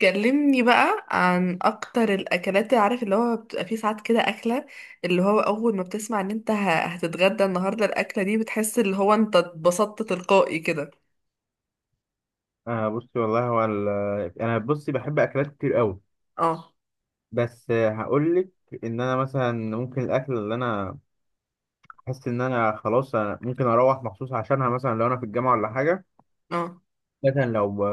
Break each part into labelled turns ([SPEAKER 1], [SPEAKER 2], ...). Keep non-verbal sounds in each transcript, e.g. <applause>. [SPEAKER 1] كلمني بقى عن اكتر الاكلات اللي عارف، اللي هو بتبقى فيه ساعات كده اكله اللي هو اول ما بتسمع ان انت هتتغدى النهارده الاكله دي، بتحس اللي هو انت اتبسطت تلقائي كده.
[SPEAKER 2] آه، بصي، والله انا بحب اكلات كتير قوي.
[SPEAKER 1] اه،
[SPEAKER 2] بس هقول لك ان انا مثلا ممكن الاكل اللي انا احس ان انا خلاص ممكن اروح مخصوص عشانها، مثلا لو انا في الجامعه ولا حاجه.
[SPEAKER 1] اه،
[SPEAKER 2] مثلا لو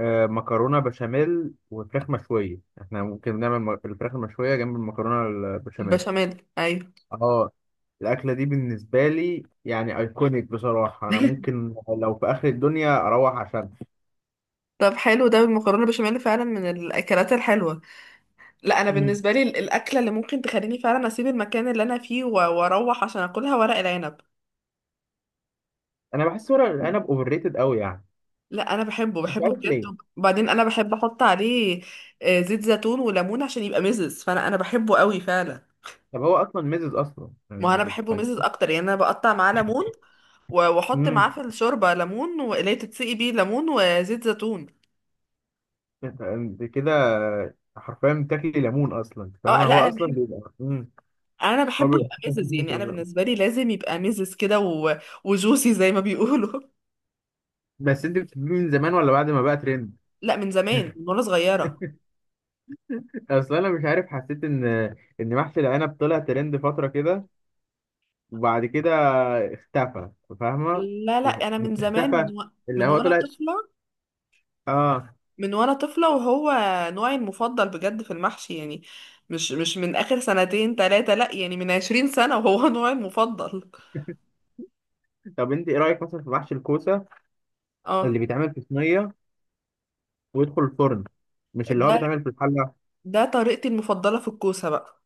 [SPEAKER 2] آه مكرونه بشاميل وفراخ مشويه، احنا ممكن نعمل الفراخ المشويه جنب المكرونه البشاميل.
[SPEAKER 1] البشاميل، ايوه.
[SPEAKER 2] اه، الاكله دي بالنسبه لي يعني ايكونيك، بصراحه انا
[SPEAKER 1] <laughs>
[SPEAKER 2] ممكن لو في اخر الدنيا اروح عشانها.
[SPEAKER 1] طب حلو، ده المكرونه البشاميل فعلا من الاكلات الحلوه. لا، انا
[SPEAKER 2] مم.
[SPEAKER 1] بالنسبه لي الاكله اللي ممكن تخليني فعلا اسيب المكان اللي انا فيه واروح عشان اكلها ورق العنب.
[SPEAKER 2] انا بحس ورق العنب اوفر ريتد قوي يعني،
[SPEAKER 1] لا انا بحبه
[SPEAKER 2] مش
[SPEAKER 1] بحبه
[SPEAKER 2] عارف
[SPEAKER 1] بجد.
[SPEAKER 2] ليه.
[SPEAKER 1] وبعدين انا بحب احط عليه زيت زيتون وليمون عشان يبقى مزز، فانا انا بحبه قوي فعلا.
[SPEAKER 2] طب هو اصلا ميزز اصلا
[SPEAKER 1] ما
[SPEAKER 2] يعني
[SPEAKER 1] انا بحبه مزز
[SPEAKER 2] بيتخليك...
[SPEAKER 1] اكتر، يعني انا بقطع معاه ليمون واحط معاه
[SPEAKER 2] امم
[SPEAKER 1] في الشوربه ليمون، واللي هي تتسقي بيه ليمون وزيت زيتون.
[SPEAKER 2] انت كده حرفيا بتاكلي ليمون اصلا،
[SPEAKER 1] اه.
[SPEAKER 2] فاهمه؟
[SPEAKER 1] لا
[SPEAKER 2] هو اصلا بيبقى
[SPEAKER 1] انا
[SPEAKER 2] هو
[SPEAKER 1] بحبه
[SPEAKER 2] بيبقى
[SPEAKER 1] يبقى
[SPEAKER 2] أحسن
[SPEAKER 1] مزز،
[SPEAKER 2] مني في
[SPEAKER 1] يعني انا
[SPEAKER 2] الزمن.
[SPEAKER 1] بالنسبه لي لازم يبقى مزز كده وجوسي زي ما بيقولوا.
[SPEAKER 2] بس انت بتحبيه من زمان ولا بعد ما بقى ترند؟
[SPEAKER 1] <laughs> لا من زمان، من وانا صغيره.
[SPEAKER 2] <laughs> اصلا انا مش عارف، حسيت ان محشي العنب طلع ترند فتره كده وبعد كده اختفى، فاهمه؟
[SPEAKER 1] لا لا انا
[SPEAKER 2] مش
[SPEAKER 1] من زمان،
[SPEAKER 2] اختفى، اللي
[SPEAKER 1] من
[SPEAKER 2] هو
[SPEAKER 1] وانا
[SPEAKER 2] طلع.
[SPEAKER 1] طفله.
[SPEAKER 2] اه.
[SPEAKER 1] من وانا طفلة، وهو نوعي المفضل بجد في المحشي يعني. مش من اخر سنتين تلاتة، لا يعني من عشرين سنة وهو <laughs> نوعي المفضل.
[SPEAKER 2] طب انت ايه رايك مثلا في محشي الكوسه اللي
[SPEAKER 1] اه.
[SPEAKER 2] بيتعمل في صينيه ويدخل الفرن، مش اللي هو
[SPEAKER 1] ده
[SPEAKER 2] بيتعمل في الحله؟
[SPEAKER 1] ده طريقتي المفضلة في الكوسة بقى.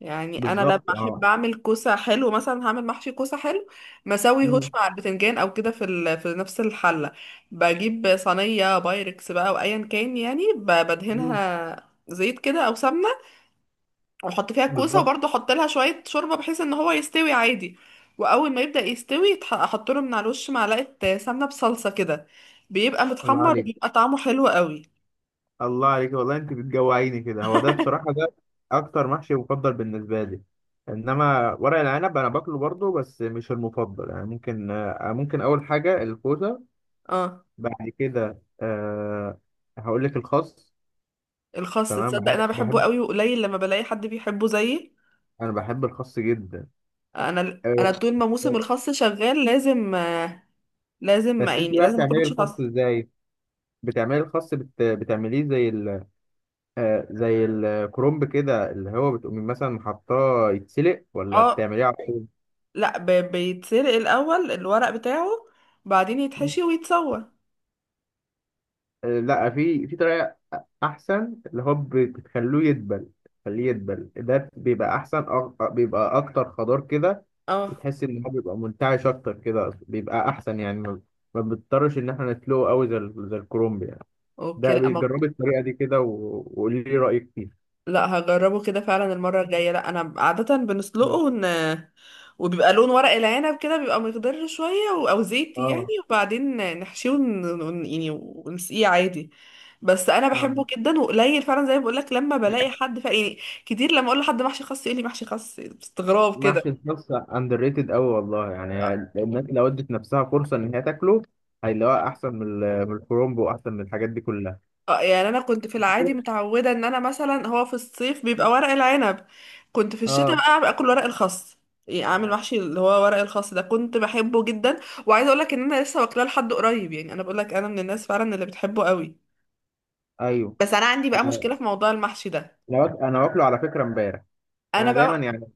[SPEAKER 1] يعني انا لما
[SPEAKER 2] بالظبط،
[SPEAKER 1] احب
[SPEAKER 2] اه.
[SPEAKER 1] اعمل كوسة حلو، مثلا هعمل محشي كوسة حلو مسوي هوش مع البتنجان او كده في نفس الحلة. بجيب صينية بايركس بقى، وايا كان، يعني
[SPEAKER 2] مم.
[SPEAKER 1] بدهنها زيت كده او سمنة، واحط فيها الكوسه،
[SPEAKER 2] بالظبط.
[SPEAKER 1] وبرضه احط لها شويه شوربه بحيث ان هو يستوي عادي. واول ما يبدا يستوي احط له من على الوش معلقه سمنه بصلصه كده، بيبقى
[SPEAKER 2] الله
[SPEAKER 1] متحمر
[SPEAKER 2] عليك،
[SPEAKER 1] وبيبقى طعمه حلو قوي.
[SPEAKER 2] الله عليك والله، انت بتجوعيني كده. هو ده بصراحة ده اكتر محشي مفضل بالنسبة لي. انما ورق العنب انا باكله برضه بس مش المفضل، يعني ممكن ممكن اول حاجة الكوسة،
[SPEAKER 1] اه،
[SPEAKER 2] بعد كده هقول لك الخس.
[SPEAKER 1] الخس،
[SPEAKER 2] تمام،
[SPEAKER 1] تصدق
[SPEAKER 2] بحب
[SPEAKER 1] انا بحبه
[SPEAKER 2] بحب
[SPEAKER 1] قوي وقليل لما بلاقي حد بيحبه زيي.
[SPEAKER 2] انا بحب الخس جدا.
[SPEAKER 1] انا
[SPEAKER 2] آه،
[SPEAKER 1] انا
[SPEAKER 2] بس
[SPEAKER 1] طول ما موسم الخس شغال لازم، لازم
[SPEAKER 2] بس
[SPEAKER 1] يعني
[SPEAKER 2] انت بقى
[SPEAKER 1] لازم اكل
[SPEAKER 2] بتعملي
[SPEAKER 1] محشي
[SPEAKER 2] الخس
[SPEAKER 1] خس.
[SPEAKER 2] ازاي؟ بتعملي الخس بتعمليه زي زي الكرنب كده اللي هو بتقوم مثلا حاطاه يتسلق، ولا
[SPEAKER 1] اه.
[SPEAKER 2] بتعمليه على طول؟
[SPEAKER 1] لا، بيتسلق الاول الورق بتاعه، بعدين
[SPEAKER 2] مم.
[SPEAKER 1] يتحشي ويتسوى.
[SPEAKER 2] لا، في طريقة أحسن اللي هو بتخلوه يدبل. خليه يدبل، ده بيبقى أحسن، بيبقى أكتر خضار كده،
[SPEAKER 1] اه.
[SPEAKER 2] وتحس إن هو بيبقى منتعش أكتر كده، بيبقى أحسن يعني ما بنضطرش إن إحنا نسلقه أوي زي زي الكرنب يعني.
[SPEAKER 1] اوكي.
[SPEAKER 2] ده
[SPEAKER 1] لا
[SPEAKER 2] بيجربي الطريقة دي كده وقولي لي رأيك فيها.
[SPEAKER 1] لا، هجربه كده فعلا المرة الجاية. لا أنا عادة بنسلقه
[SPEAKER 2] مم.
[SPEAKER 1] وبيبقى لون ورق العنب كده، بيبقى مخضر شوية أو زيتي يعني،
[SPEAKER 2] اه،
[SPEAKER 1] وبعدين نحشيه يعني ونسقيه عادي. بس أنا بحبه
[SPEAKER 2] اه،
[SPEAKER 1] جدا وقليل فعلا زي ما بقولك لما بلاقي حد فعلا يعني. كتير لما أقول لحد محشي خاص يقول لي محشي خاص باستغراب كده.
[SPEAKER 2] محشي الكبسة اندر ريتد قوي والله، يعني الناس لو ادت نفسها فرصة ان هي تاكله هيلاقوها احسن من من الكرومب واحسن من الحاجات دي كلها.
[SPEAKER 1] اه. يعني انا كنت في العادي متعوده ان انا مثلا، هو في الصيف بيبقى ورق العنب، كنت في الشتاء
[SPEAKER 2] اه،
[SPEAKER 1] بقى اكل ورق الخاص. يعني اعمل محشي اللي هو ورق الخاص ده، كنت بحبه جدا. وعايزه اقول لك ان انا لسه واكلاه لحد قريب، يعني انا بقول لك انا من الناس فعلا اللي بتحبه قوي.
[SPEAKER 2] ايوه.
[SPEAKER 1] بس انا عندي بقى
[SPEAKER 2] آه،
[SPEAKER 1] مشكله في موضوع المحشي ده.
[SPEAKER 2] انا واكله على فكره امبارح.
[SPEAKER 1] انا
[SPEAKER 2] انا دايما
[SPEAKER 1] بقى
[SPEAKER 2] يعني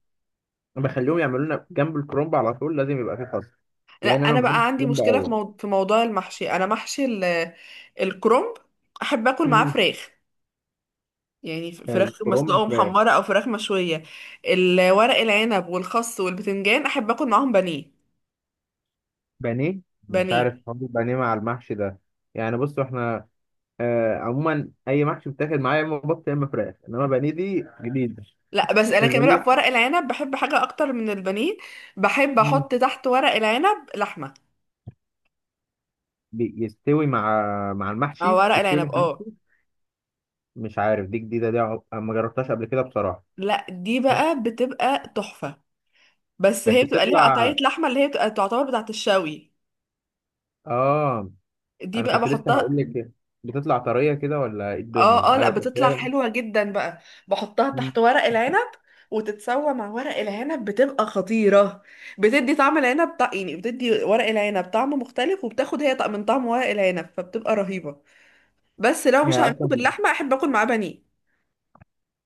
[SPEAKER 2] بخليهم يعملوا لنا جنب الكرومب، على طول لازم يبقى فيه خس
[SPEAKER 1] لا
[SPEAKER 2] لان انا ما
[SPEAKER 1] انا
[SPEAKER 2] بحبش
[SPEAKER 1] بقى عندي
[SPEAKER 2] الكرومب
[SPEAKER 1] مشكله
[SPEAKER 2] قوي.
[SPEAKER 1] في موضوع المحشي. انا الكرنب احب اكل معاه
[SPEAKER 2] مم.
[SPEAKER 1] فراخ. يعني فراخ مسلوقة
[SPEAKER 2] الكرومب فراخ.
[SPEAKER 1] ومحمرة أو فراخ مشوية. الورق العنب والخس والبتنجان أحب أكل معاهم بانيه.
[SPEAKER 2] بانيه. مش
[SPEAKER 1] بانيه.
[SPEAKER 2] عارف حوار البانيه مع المحشي ده، يعني بصوا احنا آه عموما اي محشي بتاكل معايا يا اما بط يا اما فراخ، انما بانيه دي جديده.
[SPEAKER 1] لا بس
[SPEAKER 2] <laughs>
[SPEAKER 1] أنا كمان بقى
[SPEAKER 2] البانيه.
[SPEAKER 1] في ورق العنب بحب حاجة أكتر من البانيه. بحب
[SPEAKER 2] مم.
[SPEAKER 1] أحط تحت ورق العنب لحمة.
[SPEAKER 2] بيستوي مع... مع
[SPEAKER 1] أو
[SPEAKER 2] المحشي،
[SPEAKER 1] ورق
[SPEAKER 2] تستوي مع
[SPEAKER 1] العنب، اه.
[SPEAKER 2] المحشي. مش عارف، دي جديده، ما جربتهاش قبل كده بصراحه.
[SPEAKER 1] لا دي بقى بتبقى تحفة. بس
[SPEAKER 2] بس
[SPEAKER 1] هي بتبقى ليها
[SPEAKER 2] بتطلع،
[SPEAKER 1] قطعية لحمة اللي هي بتبقى تعتبر بتاعة الشوي.
[SPEAKER 2] اه.
[SPEAKER 1] دي
[SPEAKER 2] انا
[SPEAKER 1] بقى
[SPEAKER 2] كنت لسه هقول
[SPEAKER 1] بحطها.
[SPEAKER 2] لك بتطلع طريه كده ولا ايه
[SPEAKER 1] اه،
[SPEAKER 2] الدنيا.
[SPEAKER 1] اه، لا
[SPEAKER 2] ايوه بس
[SPEAKER 1] بتطلع
[SPEAKER 2] هي...
[SPEAKER 1] حلوة جدا بقى. بحطها تحت
[SPEAKER 2] مم.
[SPEAKER 1] ورق العنب وتتسوى مع ورق العنب، بتبقى خطيرة. بتدي طعم العنب يعني بتدي ورق العنب طعم مختلف، وبتاخد هي طعم من طعم ورق العنب، فبتبقى رهيبة. بس لو مش
[SPEAKER 2] يعني
[SPEAKER 1] هعمله
[SPEAKER 2] اصلا
[SPEAKER 1] باللحمة، احب اكل معاه بانيه.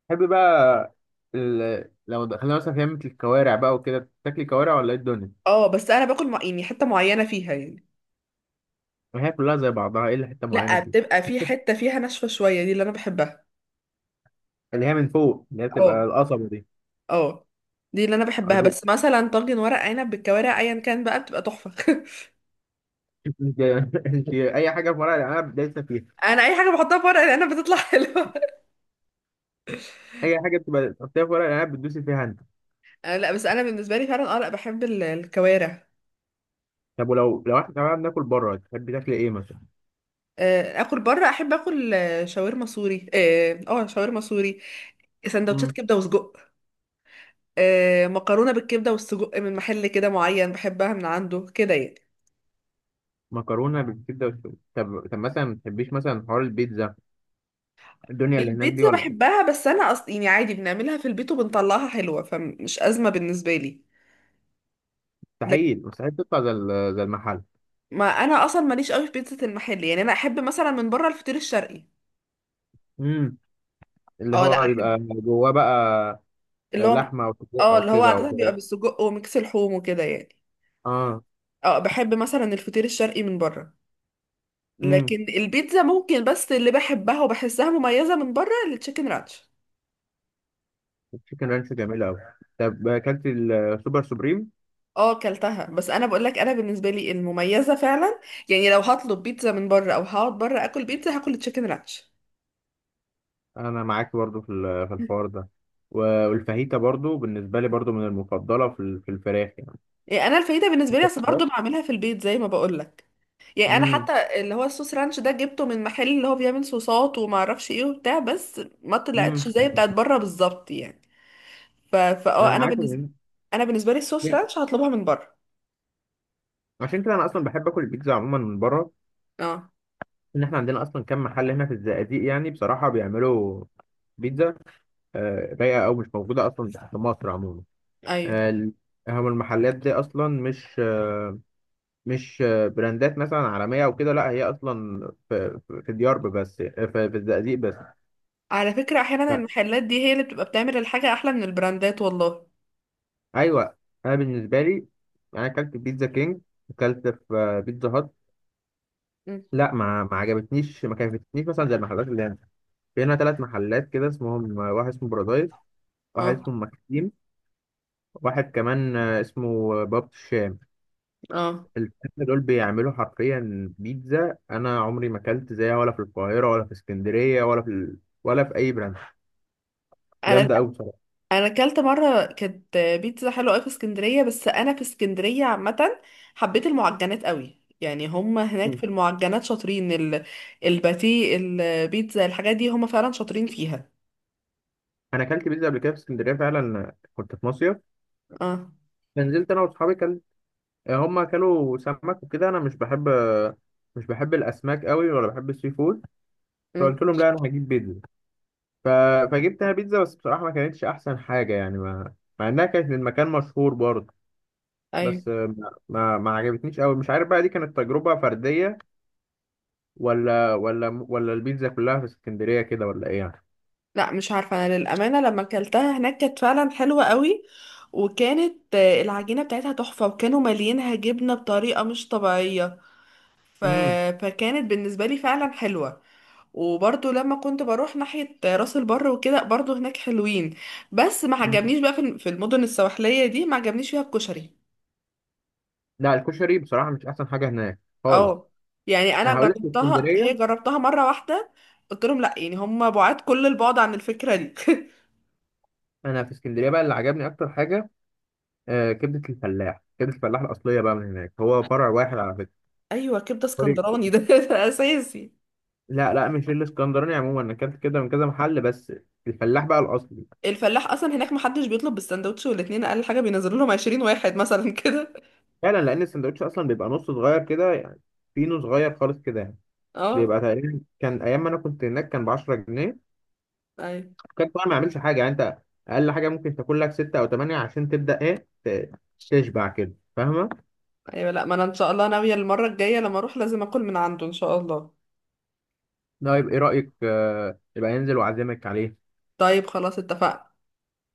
[SPEAKER 2] تحب بقى لو دخلنا مثلا في لمة الكوارع بقى وكده تاكلي كوارع ولا ايه الدنيا؟
[SPEAKER 1] اه بس انا باكل يعني حتة معينة فيها يعني.
[SPEAKER 2] ما هي كلها زي بعضها الا حته معينه
[SPEAKER 1] لا
[SPEAKER 2] فيه.
[SPEAKER 1] بتبقى في حتة فيها ناشفة شوية، دي اللي انا بحبها.
[SPEAKER 2] اللي هي من فوق اللي هي
[SPEAKER 1] اه.
[SPEAKER 2] بتبقى القصبه دي.
[SPEAKER 1] اه. دي اللي انا
[SPEAKER 2] آه،
[SPEAKER 1] بحبها.
[SPEAKER 2] دي-
[SPEAKER 1] بس مثلا طاجن ورق عنب بالكوارع ايا كان بقى بتبقى تحفة. <laughs>
[SPEAKER 2] <laughs> انت انت اي حاجه في ورق العنب دايسه فيها.
[SPEAKER 1] انا اي حاجة بحطها في ورق العنب بتطلع <laughs> حلوة.
[SPEAKER 2] اي حاجه بتبقى تحطيها في ورق العنب بتدوسي فيها انت.
[SPEAKER 1] لا بس انا بالنسبه لي فعلا اه، لا بحب الكوارع.
[SPEAKER 2] طب ولو احنا تمام ناكل بره، تحبي تاكلي ايه مثلا؟
[SPEAKER 1] اكل بره احب اكل شاورما سوري. اه. شاورما سوري، سندوتشات
[SPEAKER 2] امم.
[SPEAKER 1] كبده وسجق. مكرونه بالكبده والسجق من محل كده معين، بحبها من عنده كده يعني.
[SPEAKER 2] مكرونه بالكبده والسجق. طب مثلا ما تحبيش مثلا حوار البيتزا، الدنيا اللي هناك دي
[SPEAKER 1] البيتزا
[SPEAKER 2] ولا؟
[SPEAKER 1] بحبها، بس انا اصلا يعني عادي بنعملها في البيت وبنطلعها حلوه، فمش ازمه بالنسبه لي. لكن
[SPEAKER 2] مستحيل تطلع زي زي المحل.
[SPEAKER 1] ما انا اصلا ماليش قوي في بيتزا المحل، يعني انا احب مثلا من بره الفطير الشرقي.
[SPEAKER 2] امم. اللي
[SPEAKER 1] اه، لا،
[SPEAKER 2] هو
[SPEAKER 1] احب
[SPEAKER 2] بيبقى جواه بقى
[SPEAKER 1] اللي هو
[SPEAKER 2] لحمه او سجق
[SPEAKER 1] اه
[SPEAKER 2] او
[SPEAKER 1] اللي هو
[SPEAKER 2] كده او
[SPEAKER 1] عاده بيبقى
[SPEAKER 2] كده.
[SPEAKER 1] بالسجق وميكس لحوم وكده يعني.
[SPEAKER 2] اه.
[SPEAKER 1] اه، بحب مثلا الفطير الشرقي من بره.
[SPEAKER 2] امم.
[SPEAKER 1] لكن البيتزا ممكن، بس اللي بحبها وبحسها مميزة من بره التشيكن رانش.
[SPEAKER 2] التشيكن رانش جميله قوي. طب اكلت السوبر سوبريم؟
[SPEAKER 1] اه، كلتها، بس انا بقول لك انا بالنسبة لي المميزة فعلا يعني، لو هطلب بيتزا من بره او هقعد بره اكل بيتزا، هاكل التشيكن رانش.
[SPEAKER 2] انا معاك برضو في في الحوار ده، والفاهيتا برضو بالنسبه لي برضو من المفضله في في الفراخ
[SPEAKER 1] يعني انا الفايدة بالنسبة لي، اصل برضه
[SPEAKER 2] يعني.
[SPEAKER 1] بعملها في البيت زي ما بقول لك. يعني انا
[SPEAKER 2] امم.
[SPEAKER 1] حتى اللي هو الصوص رانش ده جبته من محل اللي هو بيعمل صوصات وما اعرفش ايه وبتاع، بس ما
[SPEAKER 2] امم.
[SPEAKER 1] طلعتش زي بتاعت بره بالظبط يعني. ف...
[SPEAKER 2] انا
[SPEAKER 1] فاه
[SPEAKER 2] معاك ان...
[SPEAKER 1] انا بالنسبة لي الصوص رانش هطلبها من بره.
[SPEAKER 2] عشان كده انا اصلا بحب اكل البيتزا عموما من بره،
[SPEAKER 1] اه.
[SPEAKER 2] ان احنا عندنا اصلا كم محل هنا في الزقازيق يعني بصراحه بيعملوا بيتزا رايقه، او مش موجوده اصلا في مصر عموما.
[SPEAKER 1] ايوه.
[SPEAKER 2] آه، ال- هم المحلات دي اصلا مش براندات مثلا عالميه او كده، لا هي اصلا في ديار بس في الزقازيق بس.
[SPEAKER 1] على فكرة احيانا
[SPEAKER 2] ف-
[SPEAKER 1] المحلات دي هي اللي بتبقى بتعمل الحاجة احلى من البراندات والله.
[SPEAKER 2] ايوه، انا بالنسبه لي، انا اكلت في بيتزا كينج، اكلت في بيتزا هات.
[SPEAKER 1] مم.
[SPEAKER 2] لا، ما عجبتنيش، ما كانتش مثلا زي المحلات اللي هنا. في هنا ثلاث محلات كده اسمهم، واحد اسمه بارادايس، واحد
[SPEAKER 1] اه،
[SPEAKER 2] اسمه مكسيم، واحد كمان اسمه باب الشام.
[SPEAKER 1] اه.
[SPEAKER 2] الثلاثة دول بيعملوا حرفيا بيتزا أنا عمري ما أكلت زيها ولا في القاهرة ولا في اسكندرية ولا في ولا في أي براند.
[SPEAKER 1] انا
[SPEAKER 2] جامدة أوي بصراحة.
[SPEAKER 1] انا اكلت مره كانت بيتزا حلوه قوي في اسكندريه. بس انا في اسكندريه عامه حبيت المعجنات قوي، يعني هم هناك في
[SPEAKER 2] مم.
[SPEAKER 1] المعجنات شاطرين الباتيه، البيتزا، الحاجات دي هم فعلا شاطرين فيها.
[SPEAKER 2] أنا أكلت بيتزا قبل كده في اسكندرية فعلا كنت في مصيف،
[SPEAKER 1] اه.
[SPEAKER 2] فنزلت أنا وأصحابي هما أكلوا سمك وكده، أنا مش بحب الأسماك أوي ولا بحب السي فود.
[SPEAKER 1] مم.
[SPEAKER 2] فقلت لهم لا أنا هجيب بيتزا. ف... فجبتها بيتزا، بس بصراحة ما كانتش أحسن حاجة يعني ما... مع إنها كانت من مكان مشهور برضه.
[SPEAKER 1] ايوه.
[SPEAKER 2] بس ما عجبتنيش أوي، مش عارف بقى دي كانت تجربة فردية ولا البيتزا كلها في اسكندرية كده، ولا إيه يعني؟
[SPEAKER 1] لا، مش عارفة، أنا للأمانة لما أكلتها هناك كانت فعلا حلوة قوي، وكانت العجينة بتاعتها تحفة، وكانوا مالينها جبنة بطريقة مش طبيعية. ف...
[SPEAKER 2] امم.
[SPEAKER 1] فكانت بالنسبة لي فعلا حلوة. وبرضو لما كنت بروح ناحية راس البر وكده، برضو هناك حلوين. بس ما
[SPEAKER 2] امم.
[SPEAKER 1] عجبنيش بقى في المدن السواحلية دي، ما عجبنيش فيها الكشري.
[SPEAKER 2] لا الكشري بصراحة مش أحسن حاجة هناك خالص.
[SPEAKER 1] اه. يعني
[SPEAKER 2] أنا
[SPEAKER 1] أنا
[SPEAKER 2] هقول لك في
[SPEAKER 1] جربتها، هي
[SPEAKER 2] اسكندرية،
[SPEAKER 1] جربتها مرة واحدة، قلت لهم لا، يعني هم بعاد كل البعد عن الفكرة دي. <laughs>
[SPEAKER 2] أنا في اسكندرية بقى اللي عجبني أكتر حاجة آه كبدة الفلاح، كبدة الفلاح الأصلية بقى من هناك، هو فرع واحد على فكرة.
[SPEAKER 1] أيوة، كبدة
[SPEAKER 2] فرع-
[SPEAKER 1] اسكندراني ده <laughs> ده أساسي.
[SPEAKER 2] لا لا مش الاسكندراني عموما، أنا أكلت كده من كذا محل، بس الفلاح بقى الأصلي.
[SPEAKER 1] الفلاح اصلا هناك محدش بيطلب بالسندوتش، والاتنين اقل حاجه بينزلوا لهم 20 واحد مثلا <laughs> كده.
[SPEAKER 2] فعلا لان السندوتش اصلا بيبقى نص صغير كده يعني، فينو صغير خالص كده يعني. بيبقى
[SPEAKER 1] اه.
[SPEAKER 2] تقريبا كان ايام ما انا كنت هناك كان ب 10 جنيه،
[SPEAKER 1] ايوه.
[SPEAKER 2] كان طبعا ما يعملش حاجه يعني. انت اقل حاجه ممكن تاكل لك 6 او 8 عشان تبدا ايه تشبع كده، فاهمه؟
[SPEAKER 1] ايوه، لا ما انا ان شاء الله ناويه المره الجايه لما اروح لازم اكل من عنده ان شاء الله.
[SPEAKER 2] ده يبقى ايه رايك يبقى ينزل واعزمك عليه.
[SPEAKER 1] طيب، خلاص، اتفقنا.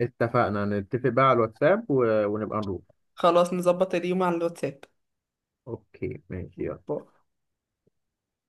[SPEAKER 2] اتفقنا، نتفق بقى على الواتساب ونبقى نروح.
[SPEAKER 1] خلاص نظبط اليوم على الواتساب.
[SPEAKER 2] اوكي ماشي يلا.